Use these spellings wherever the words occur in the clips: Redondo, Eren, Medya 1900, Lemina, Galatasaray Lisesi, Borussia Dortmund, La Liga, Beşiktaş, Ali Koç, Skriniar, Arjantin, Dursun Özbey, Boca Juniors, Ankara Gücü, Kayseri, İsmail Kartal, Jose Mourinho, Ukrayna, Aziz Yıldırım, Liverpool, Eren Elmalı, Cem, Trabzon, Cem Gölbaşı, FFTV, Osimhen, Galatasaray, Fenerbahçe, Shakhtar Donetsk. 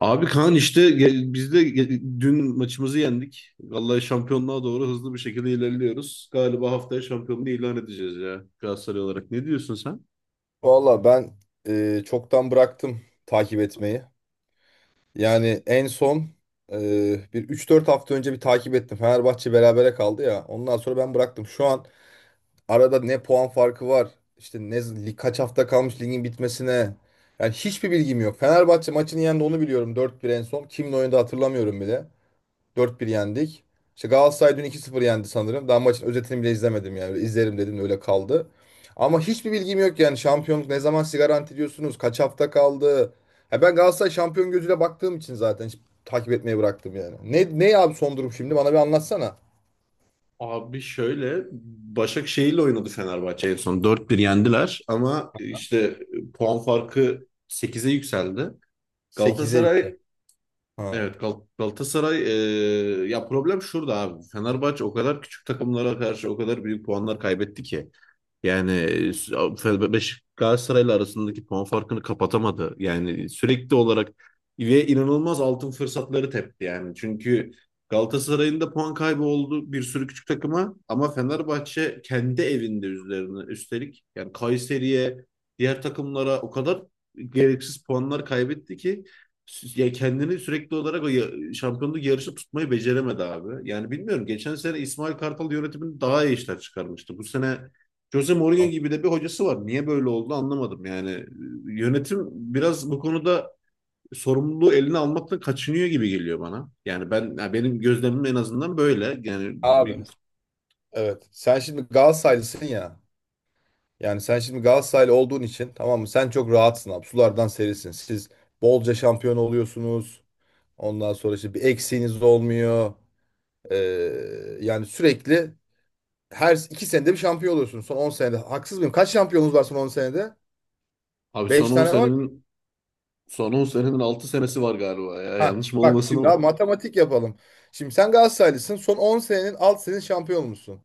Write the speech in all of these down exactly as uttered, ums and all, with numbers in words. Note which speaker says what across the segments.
Speaker 1: Abi Kaan işte ge- biz de ge- dün maçımızı yendik. Vallahi şampiyonluğa doğru hızlı bir şekilde ilerliyoruz. Galiba haftaya şampiyonluğu ilan edeceğiz ya Galatasaray olarak. Ne diyorsun sen?
Speaker 2: Valla ben e, çoktan bıraktım takip etmeyi. Yani en son e, bir üç dört hafta önce bir takip ettim. Fenerbahçe berabere kaldı ya. Ondan sonra ben bıraktım. Şu an arada ne puan farkı var? İşte ne lig- kaç hafta kalmış ligin bitmesine? Yani hiçbir bilgim yok. Fenerbahçe maçını yendi, onu biliyorum, dört bir en son. Kimle oynadı hatırlamıyorum bile. dört bir yendik. İşte Galatasaray dün iki sıfır yendi sanırım. Daha maçın özetini bile izlemedim yani. Öyle izlerim dedim de öyle kaldı. Ama hiçbir bilgim yok yani. Şampiyonluk ne zaman siz garanti ediyorsunuz? Kaç hafta kaldı? Ya ben Galatasaray şampiyon gözüyle baktığım için zaten hiç takip etmeyi bıraktım yani. Ne, ne abi son durum şimdi? Bana bir anlatsana.
Speaker 1: Abi şöyle, Başakşehir'le oynadı Fenerbahçe en son. dört bir yendiler, ama işte puan farkı sekize yükseldi.
Speaker 2: Sekize yükle.
Speaker 1: Galatasaray.
Speaker 2: Ha.
Speaker 1: Evet, Gal- Galatasaray e, ya problem şurada abi. Fenerbahçe o kadar küçük takımlara karşı o kadar büyük puanlar kaybetti ki. Yani Fe- Beş Galatasaray'la arasındaki puan farkını kapatamadı. Yani sürekli olarak ve inanılmaz altın fırsatları tepti yani. Çünkü Galatasaray'ın da puan kaybı oldu bir sürü küçük takıma, ama Fenerbahçe kendi evinde üzerine üstelik, yani Kayseri'ye, diğer takımlara o kadar gereksiz puanlar kaybetti ki sü- ya kendini sürekli olarak o ya- şampiyonluk yarışı tutmayı beceremedi abi. Yani bilmiyorum, geçen sene İsmail Kartal yönetimini daha iyi işler çıkarmıştı. Bu sene Jose Mourinho gibi de bir hocası var. Niye böyle oldu anlamadım yani. E, Yönetim biraz bu konuda sorumluluğu eline almaktan kaçınıyor gibi geliyor bana. Yani ben, ya benim gözlemim en azından böyle. Yani
Speaker 2: Abi
Speaker 1: bir,
Speaker 2: evet. Sen şimdi Galatasaraylısın ya. Yani sen şimdi Galatasaraylı olduğun için, tamam mı, sen çok rahatsın abi. Sulardan serisin. Siz bolca şampiyon oluyorsunuz. Ondan sonra işte bir eksiğiniz olmuyor. Ee, yani sürekli her iki senede bir şampiyon oluyorsunuz. Son on senede. Haksız mıyım? Kaç şampiyonunuz var son on senede?
Speaker 1: abi son
Speaker 2: Beş
Speaker 1: on
Speaker 2: tane var.
Speaker 1: senenin son on senenin altı senesi var galiba ya.
Speaker 2: Ha,
Speaker 1: Yanlış mı
Speaker 2: bak
Speaker 1: olmasın
Speaker 2: şimdi
Speaker 1: ama.
Speaker 2: abi matematik yapalım. Şimdi sen Galatasaraylısın. Son on senenin alt senin şampiyon olmuşsun.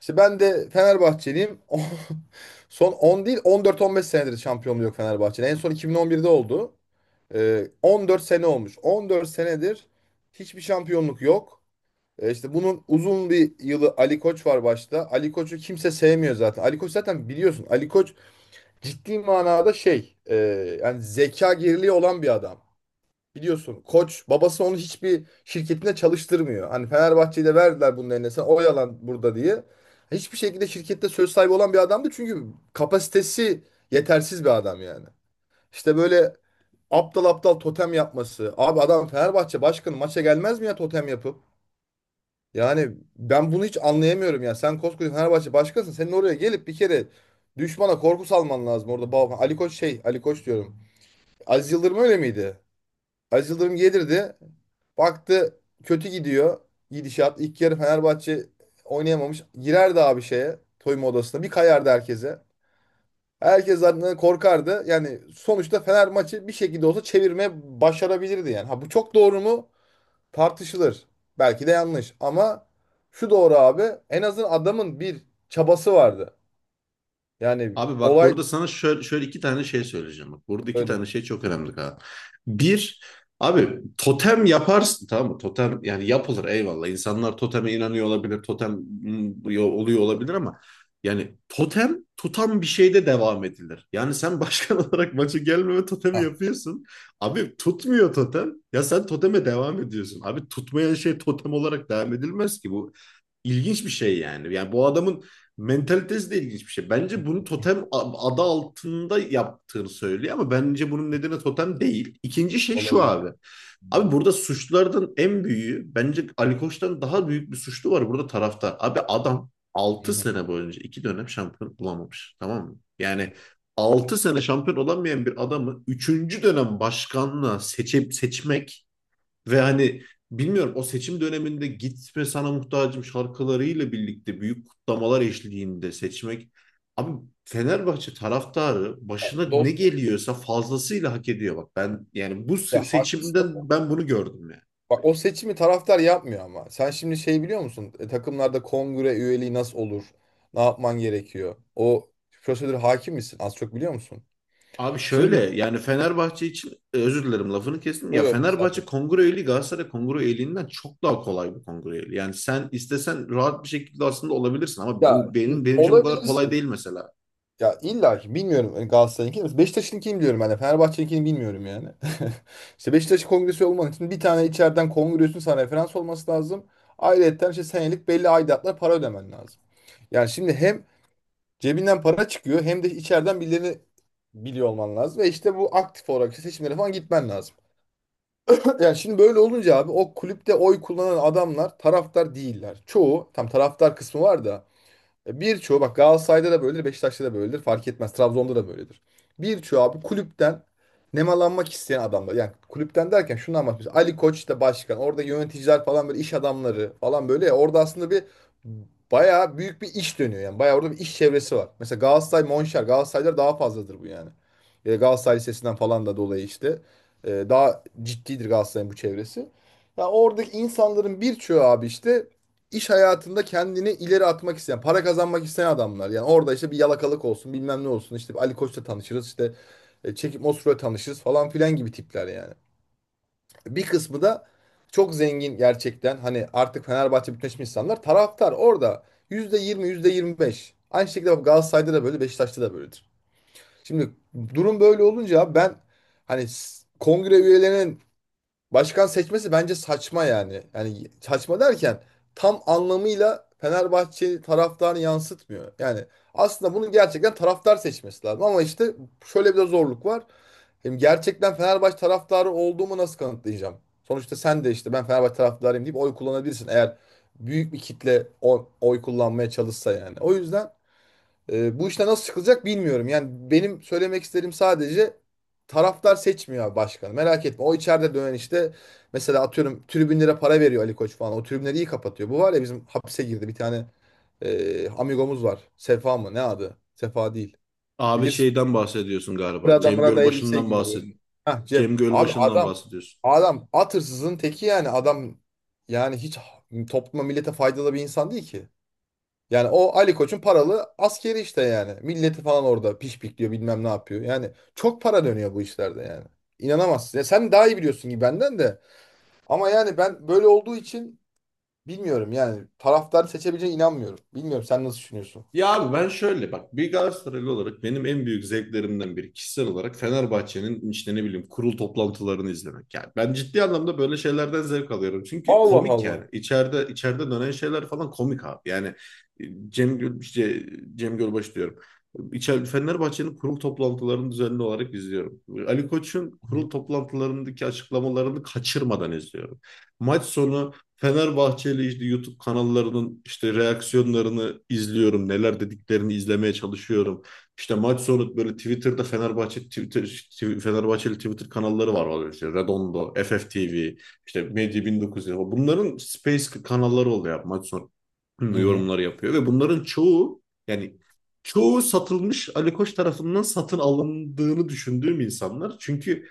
Speaker 2: İşte ben de Fenerbahçeliyim. Son on değil, on dört on beş senedir şampiyonluğu yok Fenerbahçe'nin. En son iki bin on birde oldu. Ee, on dört sene olmuş. On dört senedir hiçbir şampiyonluk yok. E işte bunun uzun bir yılı Ali Koç var başta. Ali Koç'u kimse sevmiyor zaten. Ali Koç zaten biliyorsun. Ali Koç ciddi manada şey, e, yani zeka geriliği olan bir adam. Biliyorsun Koç babası onu hiçbir şirketinde çalıştırmıyor. Hani Fenerbahçe'yi de verdiler bunun eline. Sen oyalan burada diye. Hiçbir şekilde şirkette söz sahibi olan bir adamdı. Çünkü kapasitesi yetersiz bir adam yani. İşte böyle aptal aptal totem yapması. Abi adam Fenerbahçe başkanı maça gelmez mi ya totem yapıp? Yani ben bunu hiç anlayamıyorum ya. Sen koskoca Fenerbahçe başkasın. Senin oraya gelip bir kere düşmana korku salman lazım orada. Ba- Ali Koç şey, Ali Koç diyorum. Aziz Yıldırım öyle miydi? Aziz Yıldırım gelirdi. Baktı kötü gidiyor gidişat. İlk yarı Fenerbahçe oynayamamış. Girerdi abi şeye, soyunma odasına. Bir kayardı herkese. Herkes zaten korkardı. Yani sonuçta Fener maçı bir şekilde olsa çevirmeye başarabilirdi yani. Ha bu çok doğru mu? Tartışılır. Belki de yanlış. Ama şu doğru abi. En azından adamın bir çabası vardı. Yani
Speaker 1: Abi bak,
Speaker 2: olay
Speaker 1: burada sana şöyle, şöyle iki tane şey söyleyeceğim. Bak, burada iki
Speaker 2: öyle.
Speaker 1: tane şey çok önemli, Kaan. Bir, abi totem yaparsın, tamam mı? Totem yani yapılır, eyvallah. İnsanlar toteme inanıyor olabilir, totem mm, yo- oluyor olabilir, ama yani totem tutan bir şeyde devam edilir. Yani sen başkan olarak maça gelmeme
Speaker 2: Ha,
Speaker 1: totemi yapıyorsun. Abi tutmuyor totem. Ya sen toteme devam ediyorsun. Abi tutmayan şey totem olarak devam edilmez ki bu. İlginç bir şey yani. Yani bu adamın mentalitesi de ilginç bir şey. Bence bunu totem a- adı altında yaptığını söylüyor, ama bence bunun nedeni totem değil. İkinci şey şu
Speaker 2: olabilir.
Speaker 1: abi. Abi burada suçlulardan en büyüğü, bence Ali Koç'tan daha büyük bir suçlu var burada: taraftar. Abi adam
Speaker 2: Hı
Speaker 1: altı
Speaker 2: hı
Speaker 1: sene boyunca iki dönem şampiyon olamamış, tamam mı?
Speaker 2: hı.
Speaker 1: Yani altı sene şampiyon olamayan bir adamı üçüncü dönem başkanlığa seçip seçmek ve hani, bilmiyorum, o seçim döneminde Gitme Sana Muhtacım şarkılarıyla birlikte büyük kutlamalar eşliğinde seçmek. Abi Fenerbahçe taraftarı
Speaker 2: Ya
Speaker 1: başına ne
Speaker 2: Dost,
Speaker 1: geliyorsa fazlasıyla hak ediyor, bak. Ben yani bu
Speaker 2: ya
Speaker 1: se-
Speaker 2: haklısın. da-
Speaker 1: seçimden ben bunu gördüm yani.
Speaker 2: Bak, o seçimi taraftar yapmıyor ama. Sen şimdi şey biliyor musun? E, takımlarda kongre üyeliği nasıl olur? Ne yapman gerekiyor? O prosedür hakim misin? Az çok biliyor musun?
Speaker 1: Abi şöyle,
Speaker 2: Şimdi.
Speaker 1: yani Fenerbahçe için, e, özür dilerim, lafını kestim. Ya
Speaker 2: Yok,
Speaker 1: Fenerbahçe
Speaker 2: estağfurullah.
Speaker 1: kongre üyeliği Galatasaray kongre üyeliğinden çok daha kolay bir kongre üyeliği. Yani sen istesen rahat bir şekilde aslında olabilirsin, ama bu
Speaker 2: Ya
Speaker 1: benim benim için bu kadar kolay
Speaker 2: olabilirsin.
Speaker 1: değil mesela.
Speaker 2: Ya illa ki bilmiyorum hani Galatasaray'ınkini, mi? Beşiktaş'ınkini biliyorum ben de. Fenerbahçe'ninkini bilmiyorum yani. İşte Beşiktaş kongresi olman için bir tane içeriden kongresin sana referans olması lazım. Ayrıca işte senelik belli aidatlar, para ödemen lazım. Yani şimdi hem cebinden para çıkıyor hem de içeriden birilerini biliyor olman lazım. Ve işte bu, aktif olarak işte seçimlere falan gitmen lazım. Yani şimdi böyle olunca abi, o kulüpte oy kullanan adamlar taraftar değiller. Çoğu, tam taraftar kısmı var da e, birçoğu, bak, Galatasaray'da da böyledir, Beşiktaş'ta da böyledir. Fark etmez. Trabzon'da da böyledir. Birçoğu abi kulüpten nemalanmak isteyen adamlar. Yani kulüpten derken şunu anlatmış. Ali Koç da başkan. Orada yöneticiler falan böyle, iş adamları falan böyle. Ya, orada aslında bir bayağı büyük bir iş dönüyor. Yani bayağı orada bir iş çevresi var. Mesela Galatasaray Monşer. Galatasaray'da daha fazladır bu yani. E, Galatasaray Lisesi'nden falan da dolayı işte. E, daha ciddidir Galatasaray'ın bu çevresi. Ya oradaki insanların birçoğu abi işte iş hayatında kendini ileri atmak isteyen, para kazanmak isteyen adamlar. Yani orada işte bir yalakalık olsun, bilmem ne olsun. İşte bir Ali Koç'la tanışırız, işte e, Çekip Mosfet'le tanışırız falan filan gibi tipler yani. Bir kısmı da çok zengin gerçekten. Hani artık Fenerbahçe bütünleşmiş insanlar, taraftar orada yüzde yüzde yirmi, yüzde yirmi beş. Aynı şekilde bak, Galatasaray'da da böyle, Beşiktaş'ta da böyledir. Şimdi durum böyle olunca ben hani s- kongre üyelerinin başkan seçmesi bence saçma yani. Yani saçma derken, tam anlamıyla Fenerbahçe taraftarını yansıtmıyor. Yani aslında bunu gerçekten taraftar seçmesi lazım. Ama işte şöyle bir de zorluk var. Hem gerçekten Fenerbahçe taraftarı olduğumu nasıl kanıtlayacağım? Sonuçta sen de işte "ben Fenerbahçe taraftarıyım" deyip oy kullanabilirsin, eğer büyük bir kitle o- oy kullanmaya çalışsa yani. O yüzden e, bu işte nasıl çıkılacak bilmiyorum. Yani benim söylemek istediğim sadece, taraftar seçmiyor abi başkanı. Merak etme. O içeride dönen işte, mesela atıyorum, tribünlere para veriyor Ali Koç falan. O tribünleri iyi kapatıyor. Bu var ya, bizim hapse girdi bir tane e, amigomuz var. Sefa mı? Ne adı? Sefa değil.
Speaker 1: Abi
Speaker 2: Bilirsin.
Speaker 1: şeyden bahsediyorsun galiba.
Speaker 2: Burada
Speaker 1: Cem
Speaker 2: burada elbise
Speaker 1: Gölbaşı'ndan
Speaker 2: giyiyor
Speaker 1: bahsed
Speaker 2: böyle. Hah, Cem.
Speaker 1: Cem
Speaker 2: Abi
Speaker 1: Gölbaşı'ndan
Speaker 2: adam
Speaker 1: bahsediyorsun.
Speaker 2: adam at hırsızın teki yani. Adam yani hiç topluma, millete faydalı bir insan değil ki. Yani o Ali Koç'un paralı askeri işte yani. Milleti falan orada pişpikliyor, bilmem ne yapıyor. Yani çok para dönüyor bu işlerde yani. İnanamazsın. Ya sen daha iyi biliyorsun gibi benden de. Ama yani ben böyle olduğu için bilmiyorum yani. Taraftar seçebileceğine inanmıyorum. Bilmiyorum, sen nasıl düşünüyorsun?
Speaker 1: Ya abi ben şöyle bak, bir Galatasaraylı olarak benim en büyük zevklerimden biri kişisel olarak Fenerbahçe'nin, işte ne bileyim, kurul toplantılarını izlemek. Yani ben ciddi anlamda böyle şeylerden zevk alıyorum. Çünkü
Speaker 2: Allah
Speaker 1: komik yani.
Speaker 2: Allah.
Speaker 1: İçeride içeride dönen şeyler falan komik abi. Yani e, Cem Göl, işte Cem Gölbaş diyorum. İçeride Fenerbahçe'nin kurul toplantılarını düzenli olarak izliyorum. Ali Koç'un
Speaker 2: Hı hı.
Speaker 1: kurul toplantılarındaki açıklamalarını kaçırmadan izliyorum. Maç sonu Fenerbahçeli işte YouTube kanallarının işte reaksiyonlarını izliyorum. Neler dediklerini izlemeye çalışıyorum. İşte maç sonu böyle Twitter'da Fenerbahçe Twitter Tw- Fenerbahçeli Twitter kanalları var. Var işte Redondo, F F T V, işte Medya bin dokuz yüz. Bunların Space kanalları oluyor. Maç sonu
Speaker 2: Hı.
Speaker 1: yorumları yapıyor ve bunların çoğu, yani çoğu satılmış, Ali Koç tarafından satın alındığını düşündüğüm insanlar. Çünkü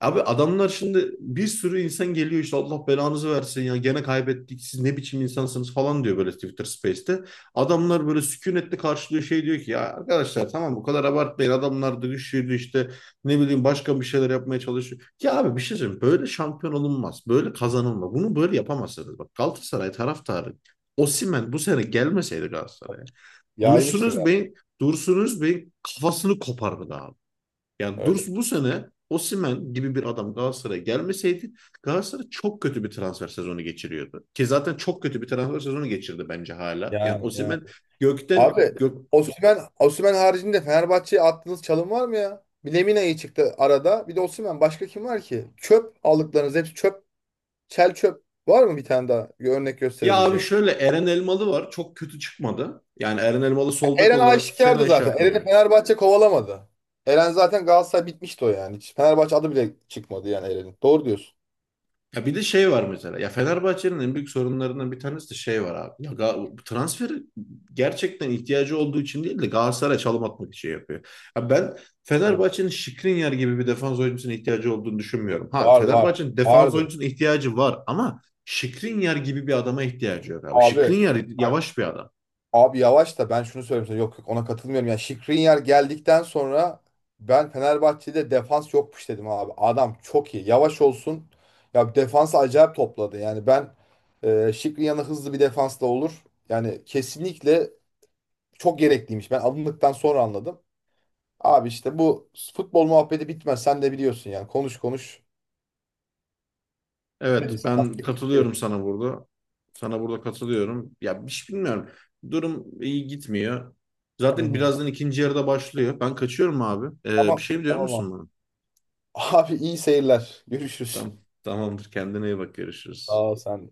Speaker 1: abi adamlar, şimdi bir sürü insan geliyor, işte "Allah belanızı versin ya, gene kaybettik, siz ne biçim insansınız" falan diyor böyle Twitter Space'te. Adamlar böyle sükunetle karşılıyor, şey diyor ki, "ya arkadaşlar, tamam, bu kadar abartmayın, adamlar da güçlüydü, işte ne bileyim", başka bir şeyler yapmaya çalışıyor. Ya abi, bir şey söyleyeyim, böyle şampiyon olunmaz, böyle kazanılmaz, bunu böyle yapamazsınız, bak. Galatasaray taraftarı, Osimhen bu sene gelmeseydi Galatasaray'a, Dursun
Speaker 2: Yaymıştır abi,
Speaker 1: Özbey'in Dursun Özbey'in kafasını kopardı, yani
Speaker 2: öyle.
Speaker 1: Durs, bu sene Osimhen gibi bir adam Galatasaray'a gelmeseydi, Galatasaray çok kötü bir transfer sezonu geçiriyordu. Ki zaten çok kötü bir transfer sezonu geçirdi bence hala. Yani
Speaker 2: Yani ya.
Speaker 1: Osimhen gökten
Speaker 2: Abi
Speaker 1: gök
Speaker 2: Osimhen, Osimhen haricinde Fenerbahçe'ye attığınız çalım var mı ya? Bir Lemina iyi çıktı arada. Bir de Osimhen. Başka kim var ki? Çöp aldıklarınız, hepsi çöp. Çel çöp var mı bir tane daha, bir örnek
Speaker 1: ya abi
Speaker 2: gösterebileceğin?
Speaker 1: şöyle, Eren Elmalı var. Çok kötü çıkmadı. Yani Eren Elmalı sol bek
Speaker 2: Eren
Speaker 1: olarak
Speaker 2: aşikardı
Speaker 1: fena iş
Speaker 2: zaten. Eren'i
Speaker 1: yapmıyor.
Speaker 2: Fenerbahçe kovalamadı. Eren zaten Galatasaray bitmişti o yani. Hiç Fenerbahçe adı bile çıkmadı yani Eren'in. Doğru diyorsun.
Speaker 1: Ya bir de şey var mesela. Ya Fenerbahçe'nin en büyük sorunlarından bir tanesi de şey var abi. Ya Ga- transfer gerçekten ihtiyacı olduğu için değil de Galatasaray'a çalım atmak için yapıyor. Ya ben
Speaker 2: Evet.
Speaker 1: Fenerbahçe'nin Skriniar gibi bir defans oyuncusuna ihtiyacı olduğunu düşünmüyorum. Ha,
Speaker 2: Var var.
Speaker 1: Fenerbahçe'nin defans
Speaker 2: Vardı.
Speaker 1: oyuncusuna ihtiyacı var, ama Skriniar gibi bir adama ihtiyacı yok abi.
Speaker 2: Abi
Speaker 1: Skriniar
Speaker 2: bak,
Speaker 1: yavaş bir adam.
Speaker 2: abi yavaş da, ben şunu söyleyeyim sana. Yok yok, ona katılmıyorum. Yani Skriniar geldikten sonra ben "Fenerbahçe'de defans yokmuş" dedim abi. Adam çok iyi. Yavaş olsun. Ya, defansı acayip topladı. Yani ben e, Skriniar'ın hızlı bir defansla olur. Yani kesinlikle çok gerekliymiş. Ben alındıktan sonra anladım. Abi işte bu futbol muhabbeti bitmez. Sen de biliyorsun yani. Konuş konuş. Bitmedi.
Speaker 1: Evet, ben
Speaker 2: Yapacak hiçbir şey
Speaker 1: katılıyorum
Speaker 2: yok.
Speaker 1: sana burada. Sana burada katılıyorum. Ya, bir şey bilmiyorum. Durum iyi gitmiyor.
Speaker 2: Hı
Speaker 1: Zaten
Speaker 2: hı.
Speaker 1: birazdan ikinci yarıda başlıyor. Ben kaçıyorum abi. Ee, bir
Speaker 2: Tamam.
Speaker 1: şey mi diyor
Speaker 2: Tamam,
Speaker 1: musun
Speaker 2: abi.
Speaker 1: bana?
Speaker 2: Abi iyi seyirler. Görüşürüz.
Speaker 1: Tamam, tamamdır. Kendine iyi bak.
Speaker 2: Sağ
Speaker 1: Görüşürüz.
Speaker 2: ol sen de.